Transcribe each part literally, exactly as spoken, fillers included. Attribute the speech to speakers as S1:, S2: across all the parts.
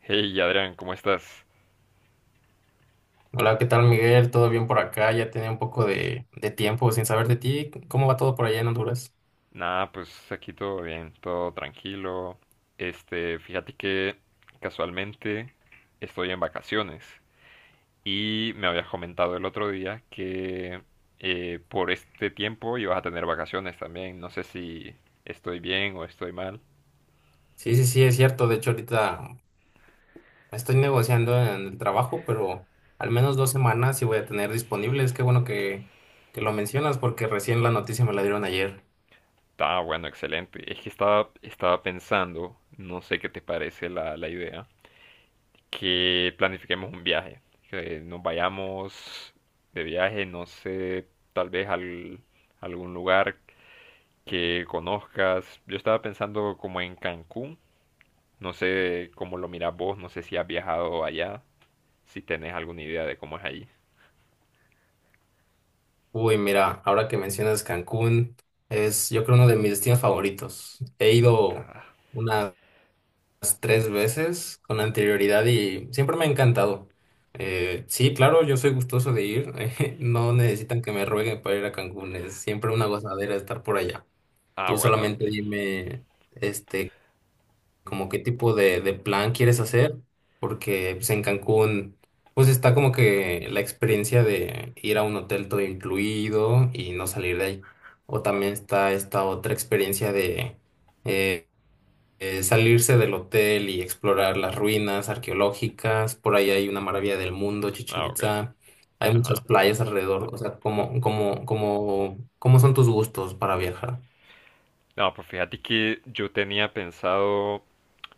S1: Hey Adrián, ¿cómo estás?
S2: Hola, ¿qué tal, Miguel? ¿Todo bien por acá? Ya tenía un poco de, de tiempo sin saber de ti. ¿Cómo va todo por allá en Honduras?
S1: Nada, pues aquí todo bien, todo tranquilo. Este, fíjate que casualmente estoy en vacaciones y me habías comentado el otro día que eh, por este tiempo ibas a tener vacaciones también. No sé si estoy bien o estoy mal.
S2: Sí, sí, sí, es cierto. De hecho, ahorita estoy negociando en el trabajo, pero al menos dos semanas sí voy a tener disponibles. Qué bueno que, que lo mencionas porque recién la noticia me la dieron ayer.
S1: Ah, bueno, excelente. Es que estaba, estaba pensando, no sé qué te parece la, la idea. Que planifiquemos un viaje, que nos vayamos de viaje, no sé, tal vez al, algún lugar que conozcas. Yo estaba pensando como en Cancún, no sé cómo lo miras vos, no sé si has viajado allá, si tenés alguna idea de cómo es allí.
S2: Uy, mira, ahora que mencionas Cancún, es yo creo uno de mis destinos favoritos. He ido
S1: Ah,
S2: unas tres veces con anterioridad y siempre me ha encantado. Eh, sí, claro, yo soy gustoso de ir. Eh, no necesitan que me rueguen para ir a Cancún. Es siempre una gozadera estar por allá.
S1: ah,
S2: Tú
S1: bueno,
S2: solamente dime, este, como qué tipo de, de plan quieres hacer, porque pues, en Cancún, pues está como que la experiencia de ir a un hotel todo incluido y no salir de ahí. O también está esta otra experiencia de... eh, eh, salirse del hotel y explorar las ruinas arqueológicas. Por ahí hay una maravilla del mundo, Chichén
S1: ah, ok,
S2: Itzá. Hay muchas
S1: ajá.
S2: playas alrededor. O sea, ¿cómo, cómo, cómo, cómo son tus gustos para viajar?
S1: No, pues fíjate que yo tenía pensado,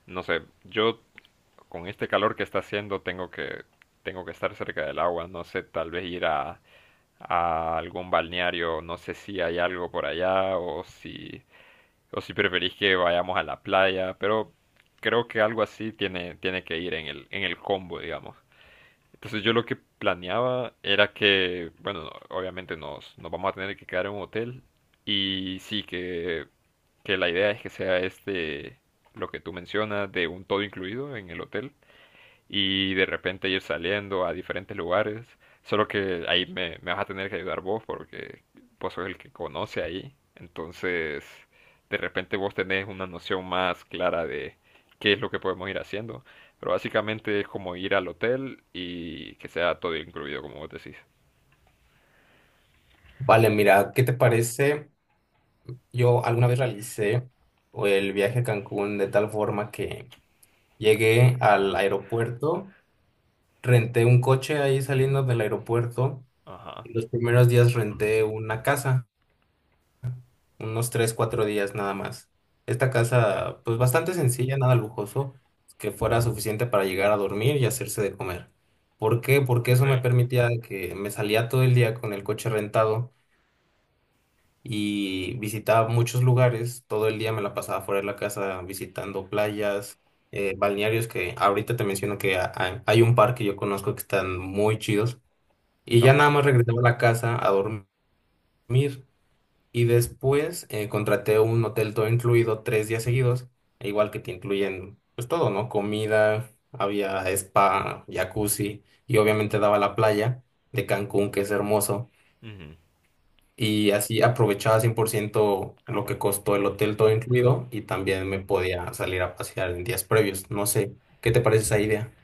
S1: no sé, yo con este calor que está haciendo tengo que, tengo que estar cerca del agua, no sé, tal vez ir a a algún balneario, no sé si hay algo por allá o si, o si preferís que vayamos a la playa, pero creo que algo así tiene, tiene que ir en el, en el combo, digamos. Entonces yo lo que planeaba era que, bueno, obviamente nos, nos vamos a tener que quedar en un hotel y sí que, que la idea es que sea este, lo que tú mencionas, de un todo incluido en el hotel y de repente ir saliendo a diferentes lugares. Solo que ahí me, me vas a tener que ayudar vos porque vos sos el que conoce ahí. Entonces, de repente vos tenés una noción más clara de qué es lo que podemos ir haciendo. Pero básicamente es como ir al hotel y que sea todo incluido, como vos decís.
S2: Vale, mira, ¿qué te parece? Yo alguna vez realicé el viaje a Cancún de tal forma que llegué al aeropuerto, renté un coche ahí saliendo del aeropuerto
S1: Ajá,
S2: y los primeros días renté una casa, unos tres cuatro días nada más. Esta
S1: ok,
S2: casa, pues bastante sencilla, nada lujoso, que fuera suficiente para llegar a dormir y hacerse de comer. ¿Por qué? Porque
S1: ok,
S2: eso me permitía de que me salía todo el día con el coche rentado y visitaba muchos lugares. Todo el día me la pasaba fuera de la casa visitando playas, eh, balnearios que ahorita te menciono que ha- ha- hay un par que yo conozco que están muy chidos. Y ya nada
S1: ajá.
S2: más regresaba a la casa a dormir. Y después eh, contraté un hotel todo incluido tres días seguidos, e igual que te incluyen pues todo, ¿no? Comida, había spa, jacuzzi y obviamente daba la playa de Cancún, que es hermoso.
S1: Ujú.
S2: Y así aprovechaba cien por ciento
S1: Ah,
S2: lo que
S1: bueno.
S2: costó el hotel todo incluido y también me podía salir a pasear en días previos. No sé, ¿qué te parece esa idea?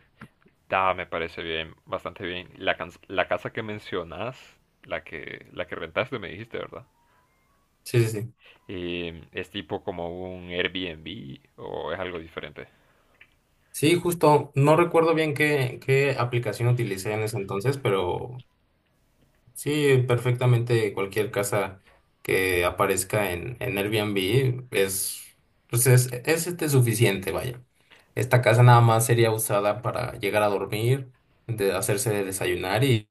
S1: Ah, me parece bien, bastante bien. La, cans- la casa que mencionás, la que, la que rentaste, me dijiste, ¿verdad?
S2: Sí, sí, sí.
S1: Eh, ¿Es tipo como un Airbnb o es algo diferente?
S2: Sí, justo, no recuerdo bien qué, qué aplicación utilicé en ese entonces, pero sí, perfectamente cualquier casa que aparezca en, en Airbnb es, pues es, es este suficiente, vaya. Esta casa nada más sería usada para llegar a dormir, de hacerse de desayunar y,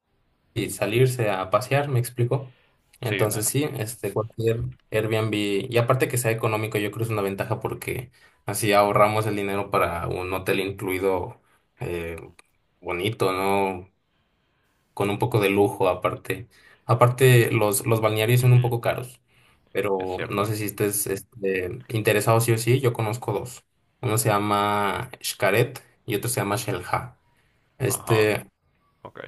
S2: y salirse a pasear, ¿me explico?
S1: Sí, no.
S2: Entonces sí, este cualquier Airbnb, y aparte que sea económico, yo creo que es una ventaja porque así ahorramos el dinero para un hotel incluido eh, bonito, ¿no? Con un poco de lujo aparte. Aparte, los, los balnearios son un
S1: Ujú,
S2: poco caros,
S1: es
S2: pero no
S1: cierto.
S2: sé si estés este, interesado sí o sí, yo conozco dos. Uno se llama Xcaret y otro se llama Xelha.
S1: Ajá,
S2: Este,
S1: ok.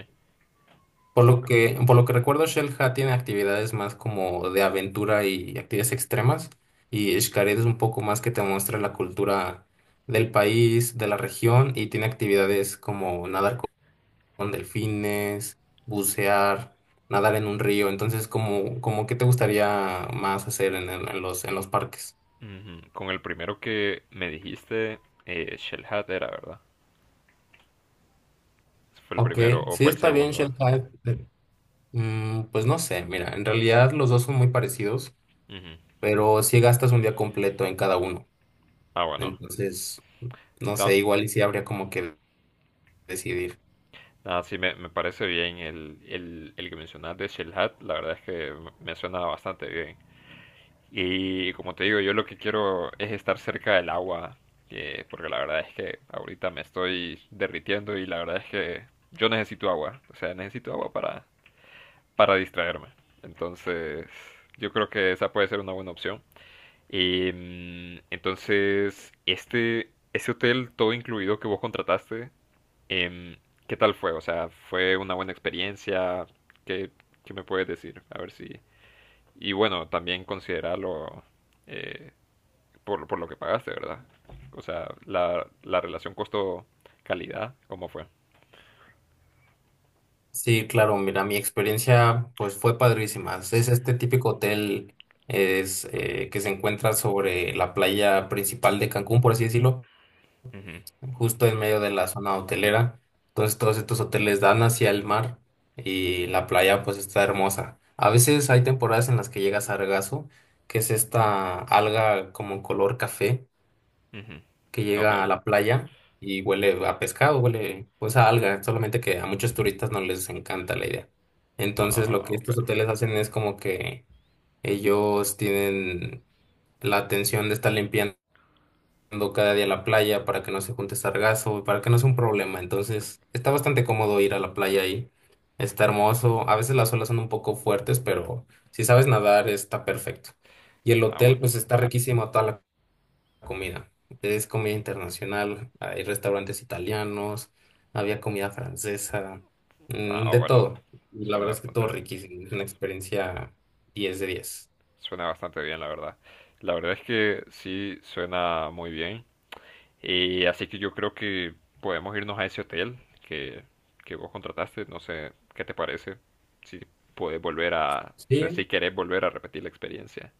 S2: por lo que, por lo que recuerdo, Xelha tiene actividades más como de aventura y actividades extremas, y Xcaret es un poco más que te muestra la cultura del país, de la región, y tiene actividades como nadar con delfines, bucear, nadar en un río. Entonces, como, como qué te gustaría más hacer en, el- en los, en los parques?
S1: Ujú, con el primero que me dijiste, eh, Shell Hat era, ¿verdad? ¿Fue el
S2: Ok,
S1: primero o
S2: sí
S1: fue el
S2: está bien,
S1: segundo?
S2: Shell Hive. Eh, mm, pues no sé, mira, en realidad los dos son muy parecidos,
S1: Ujú.
S2: pero si gastas un día completo en cada uno.
S1: Ah, bueno.
S2: Entonces, no
S1: Da-
S2: sé, igual y sí habría como que decidir.
S1: nada, sí, me, me parece bien el, el, el que mencionaste de Shell Hat. La verdad es que me me suena bastante bien. Y como te digo, yo lo que quiero es estar cerca del agua, que- porque la verdad es que ahorita me estoy derritiendo y la verdad es que yo necesito agua, o sea, necesito agua para, para distraerme. Entonces, yo creo que esa puede ser una buena opción. Y mm, entonces, este, ese hotel todo incluido que vos contrataste, em, ¿qué tal fue? O sea, ¿fue una buena experiencia? ¿Qué, qué me puedes decir? A ver si... Y bueno, también considerarlo eh, por, por lo que pagaste, ¿verdad? O sea, la, la relación costo-calidad, ¿cómo fue?
S2: Sí, claro, mira, mi experiencia pues fue padrísima. Es este típico hotel es, eh, que se encuentra sobre la playa principal de Cancún, por así decirlo,
S1: Ujú,
S2: justo en medio de la zona hotelera. Entonces todos estos hoteles dan hacia el mar y la playa pues está hermosa. A veces hay temporadas en las que llega sargazo, que es esta alga como color café
S1: ujú.
S2: que
S1: Ok.
S2: llega a la playa y huele a pescado, huele pues a alga, solamente que a muchos turistas no les encanta la idea. Entonces lo
S1: Ah,
S2: que
S1: ok.
S2: estos hoteles hacen es como que ellos tienen la atención de estar limpiando yendo cada día a la playa para que no se junte sargazo, para que no sea un problema. Entonces, está bastante cómodo ir a la playa ahí. Está hermoso. A veces las olas son un poco fuertes, pero si sabes nadar, está perfecto. Y el
S1: Ah,
S2: hotel,
S1: bueno.
S2: pues está riquísimo toda la comida. Es comida internacional, hay restaurantes italianos, había comida francesa, mm,
S1: Ah,
S2: de
S1: bueno.
S2: todo. Y la
S1: Suena
S2: verdad es que
S1: bastante
S2: todo
S1: bien.
S2: riquísimo. Es una experiencia diez de diez.
S1: Suena bastante bien, la verdad. La verdad es que sí suena muy bien. Y así que yo creo que podemos irnos a ese hotel que, que vos contrataste. No sé qué te parece. Si puedes volver a. O sea, si
S2: Sí,
S1: querés volver a repetir la experiencia.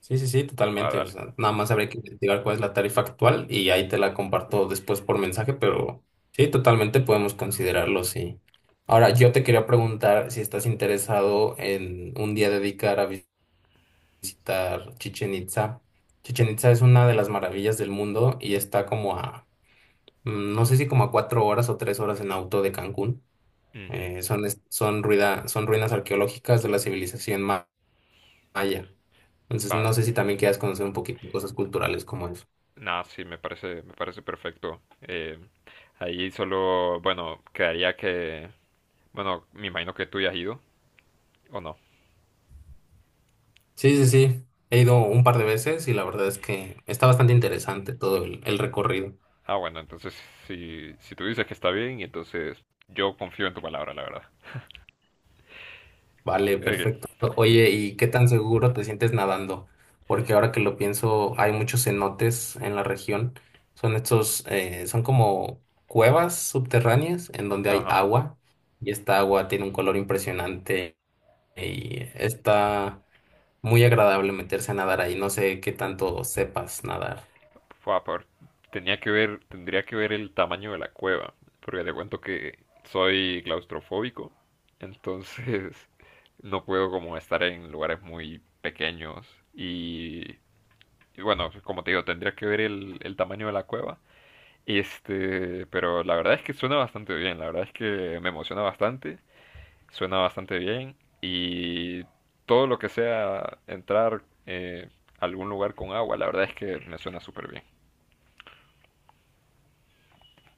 S2: sí, sí, sí,
S1: Va,
S2: totalmente. O
S1: dale.
S2: sea, nada más habría que investigar cuál es la tarifa actual y ahí te la comparto después por mensaje, pero sí, totalmente podemos considerarlo, sí. Ahora, yo te quería preguntar si estás interesado en un día dedicar a visitar Chichen Itza. Chichen Itza es una de las maravillas del mundo y está como a, mm, no sé si como a cuatro horas o tres horas en auto de Cancún.
S1: Ujú.
S2: Eh, son, es- son, ruida- Son ruinas arqueológicas de la civilización maya allá. Entonces,
S1: Va,
S2: no sé si también quieras conocer un poquito de cosas culturales como eso.
S1: nah, sí, me parece, me parece perfecto. Eh, ahí solo, bueno, quedaría que, bueno, me imagino que tú ya has ido, ¿o no?
S2: Sí, sí, sí. He ido un par de veces y la verdad es que está bastante interesante todo el, el recorrido.
S1: Ah, bueno, entonces si, si tú dices que está bien, entonces yo confío en tu palabra, la verdad.
S2: Vale,
S1: Eh,
S2: perfecto. Oye, ¿y qué tan seguro te sientes nadando? Porque ahora que lo pienso, hay muchos cenotes en la región. Son estos, eh, son como cuevas subterráneas en donde hay
S1: ajá.
S2: agua y esta agua tiene un color impresionante y está muy agradable meterse a nadar ahí, no sé qué tanto sepas nadar.
S1: Fua, por- tenía que ver, tendría que ver el tamaño de la cueva, porque te cuento que soy claustrofóbico, entonces no puedo como estar en lugares muy pequeños y Y bueno, como te digo, tendría que ver el, el tamaño de la cueva. Este, pero la verdad es que suena bastante bien, la verdad es que me emociona bastante, suena bastante bien y todo lo que sea entrar eh, a algún lugar con agua, la verdad es que me suena súper bien.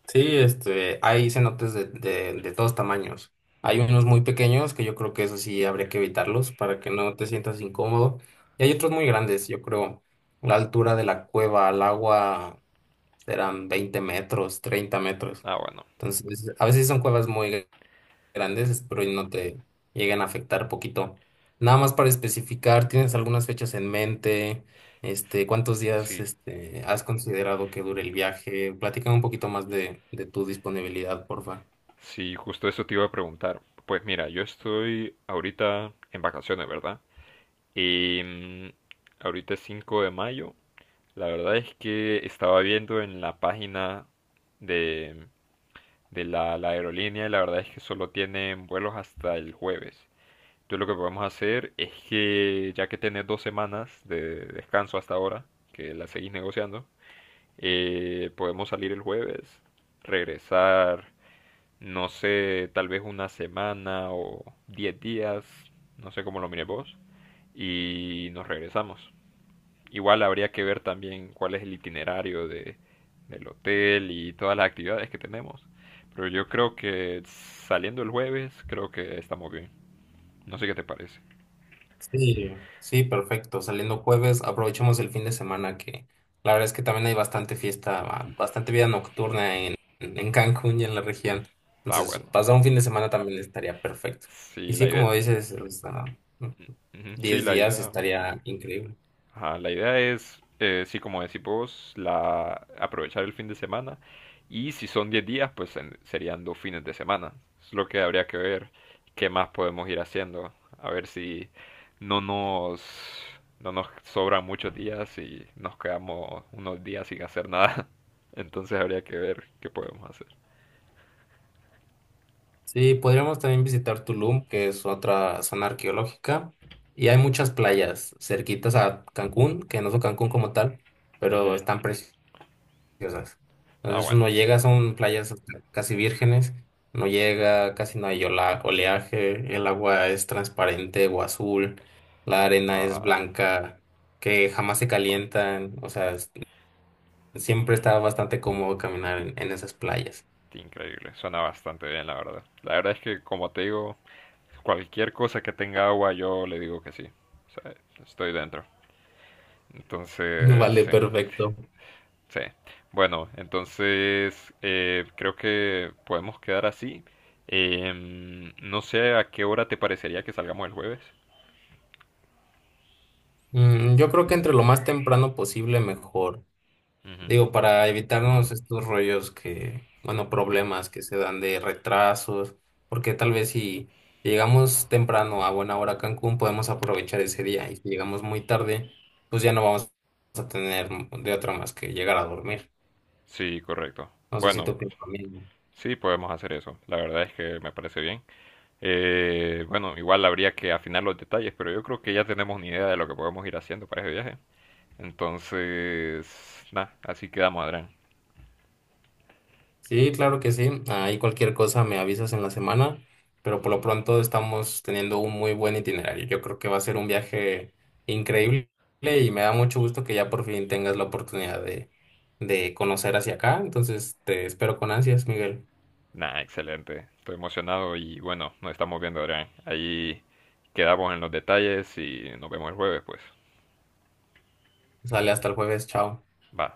S2: Sí, este, hay cenotes de, de, de todos tamaños. Hay unos muy pequeños que yo creo que eso sí habría que evitarlos para que no te sientas incómodo. Y hay otros muy grandes, yo creo. La altura de la cueva al agua serán veinte metros, treinta metros.
S1: Ah, bueno,
S2: Entonces, a veces son cuevas muy grandes, espero y no te lleguen a afectar poquito. Nada más para especificar, ¿tienes algunas fechas en mente? Este, ¿cuántos días,
S1: sí,
S2: este, has considerado que dure el viaje? Platícame un poquito más de, de tu disponibilidad, porfa.
S1: sí, justo eso te iba a preguntar. Pues mira, yo estoy ahorita en vacaciones, ¿verdad? Y mm, ahorita es cinco de mayo. La verdad es que estaba viendo en la página de, de la, la aerolínea y la verdad es que solo tienen vuelos hasta el jueves. Entonces lo que podemos hacer es que ya que tenés dos semanas de descanso hasta ahora, que la seguís negociando, eh, podemos salir el jueves, regresar, no sé, tal vez una semana o diez días, no sé cómo lo mires vos, y nos regresamos. Igual habría que ver también cuál es el itinerario de, del hotel y todas las actividades que tenemos. Pero yo creo que saliendo el jueves, creo que estamos bien. No sé qué te parece.
S2: Sí, sí, perfecto. Saliendo jueves, aprovechemos el fin de semana que la verdad es que también hay bastante fiesta, ba- bastante vida nocturna en, en Cancún y en la región.
S1: Está
S2: Entonces,
S1: bueno.
S2: pasar un fin de semana también estaría perfecto. Y
S1: Sí, la
S2: sí,
S1: idea.
S2: como dices, o sea,
S1: Ujú, sí,
S2: diez
S1: la
S2: días
S1: idea.
S2: estaría increíble.
S1: Ajá, la idea es, eh, sí, como decís vos, la, aprovechar el fin de semana. Y si son diez días, pues en- serían dos fines de semana. Es lo que habría que ver qué más podemos ir haciendo. A ver si no nos, no nos sobran muchos días y nos quedamos unos días sin hacer nada. Entonces habría que ver qué podemos hacer.
S2: Sí, podríamos también visitar Tulum, que es otra zona arqueológica, y hay muchas playas cerquitas a Cancún, que no son Cancún como tal, pero
S1: Ujú.
S2: están preciosas. Preciosas.
S1: Ah,
S2: Entonces
S1: bueno.
S2: uno llega, son playas casi vírgenes, no llega, casi no hay ola- oleaje, el agua es transparente o azul, la arena
S1: Ah,
S2: es
S1: ah,
S2: blanca, que jamás se
S1: ah,
S2: calientan, o sea, es- siempre está bastante cómodo caminar en, en esas playas.
S1: increíble. Suena bastante bien, la verdad. La verdad es que, como te digo, cualquier cosa que tenga agua, yo le digo que sí. O sea, estoy dentro. Entonces,
S2: Vale,
S1: sí,
S2: perfecto.
S1: sí. Bueno, entonces eh, creo que podemos quedar así. Em, no sé a qué hora te parecería que salgamos el jueves.
S2: Mm, yo creo que entre lo más temprano posible mejor.
S1: Ujú.
S2: Digo, para evitarnos estos rollos que, bueno, problemas que se dan de retrasos, porque tal vez si llegamos temprano a buena hora a Cancún, podemos aprovechar ese día y si llegamos muy tarde, pues ya no vamos a tener de otra más que llegar a dormir.
S1: Sí, correcto.
S2: No sé si
S1: Bueno,
S2: tú opinas lo mismo.
S1: sí, podemos hacer eso. La verdad es que me parece bien. Eh, bueno, igual habría que afinar los detalles, pero yo creo que ya tenemos ni idea de lo que podemos ir haciendo para ese viaje. Entonces, nada, así quedamos, Adrián.
S2: Sí, claro que sí. Ahí cualquier cosa me avisas en la semana, pero por lo pronto estamos teniendo un muy buen itinerario. Yo creo que va a ser un viaje increíble y me da mucho gusto que ya por fin tengas la oportunidad de, de conocer hacia acá. Entonces te espero con ansias, Miguel.
S1: Nah, excelente. Estoy emocionado y bueno, nos estamos viendo, Adrián. Ahí quedamos en los detalles y nos vemos el jueves, pues.
S2: Sale hasta el jueves, chao.
S1: Va.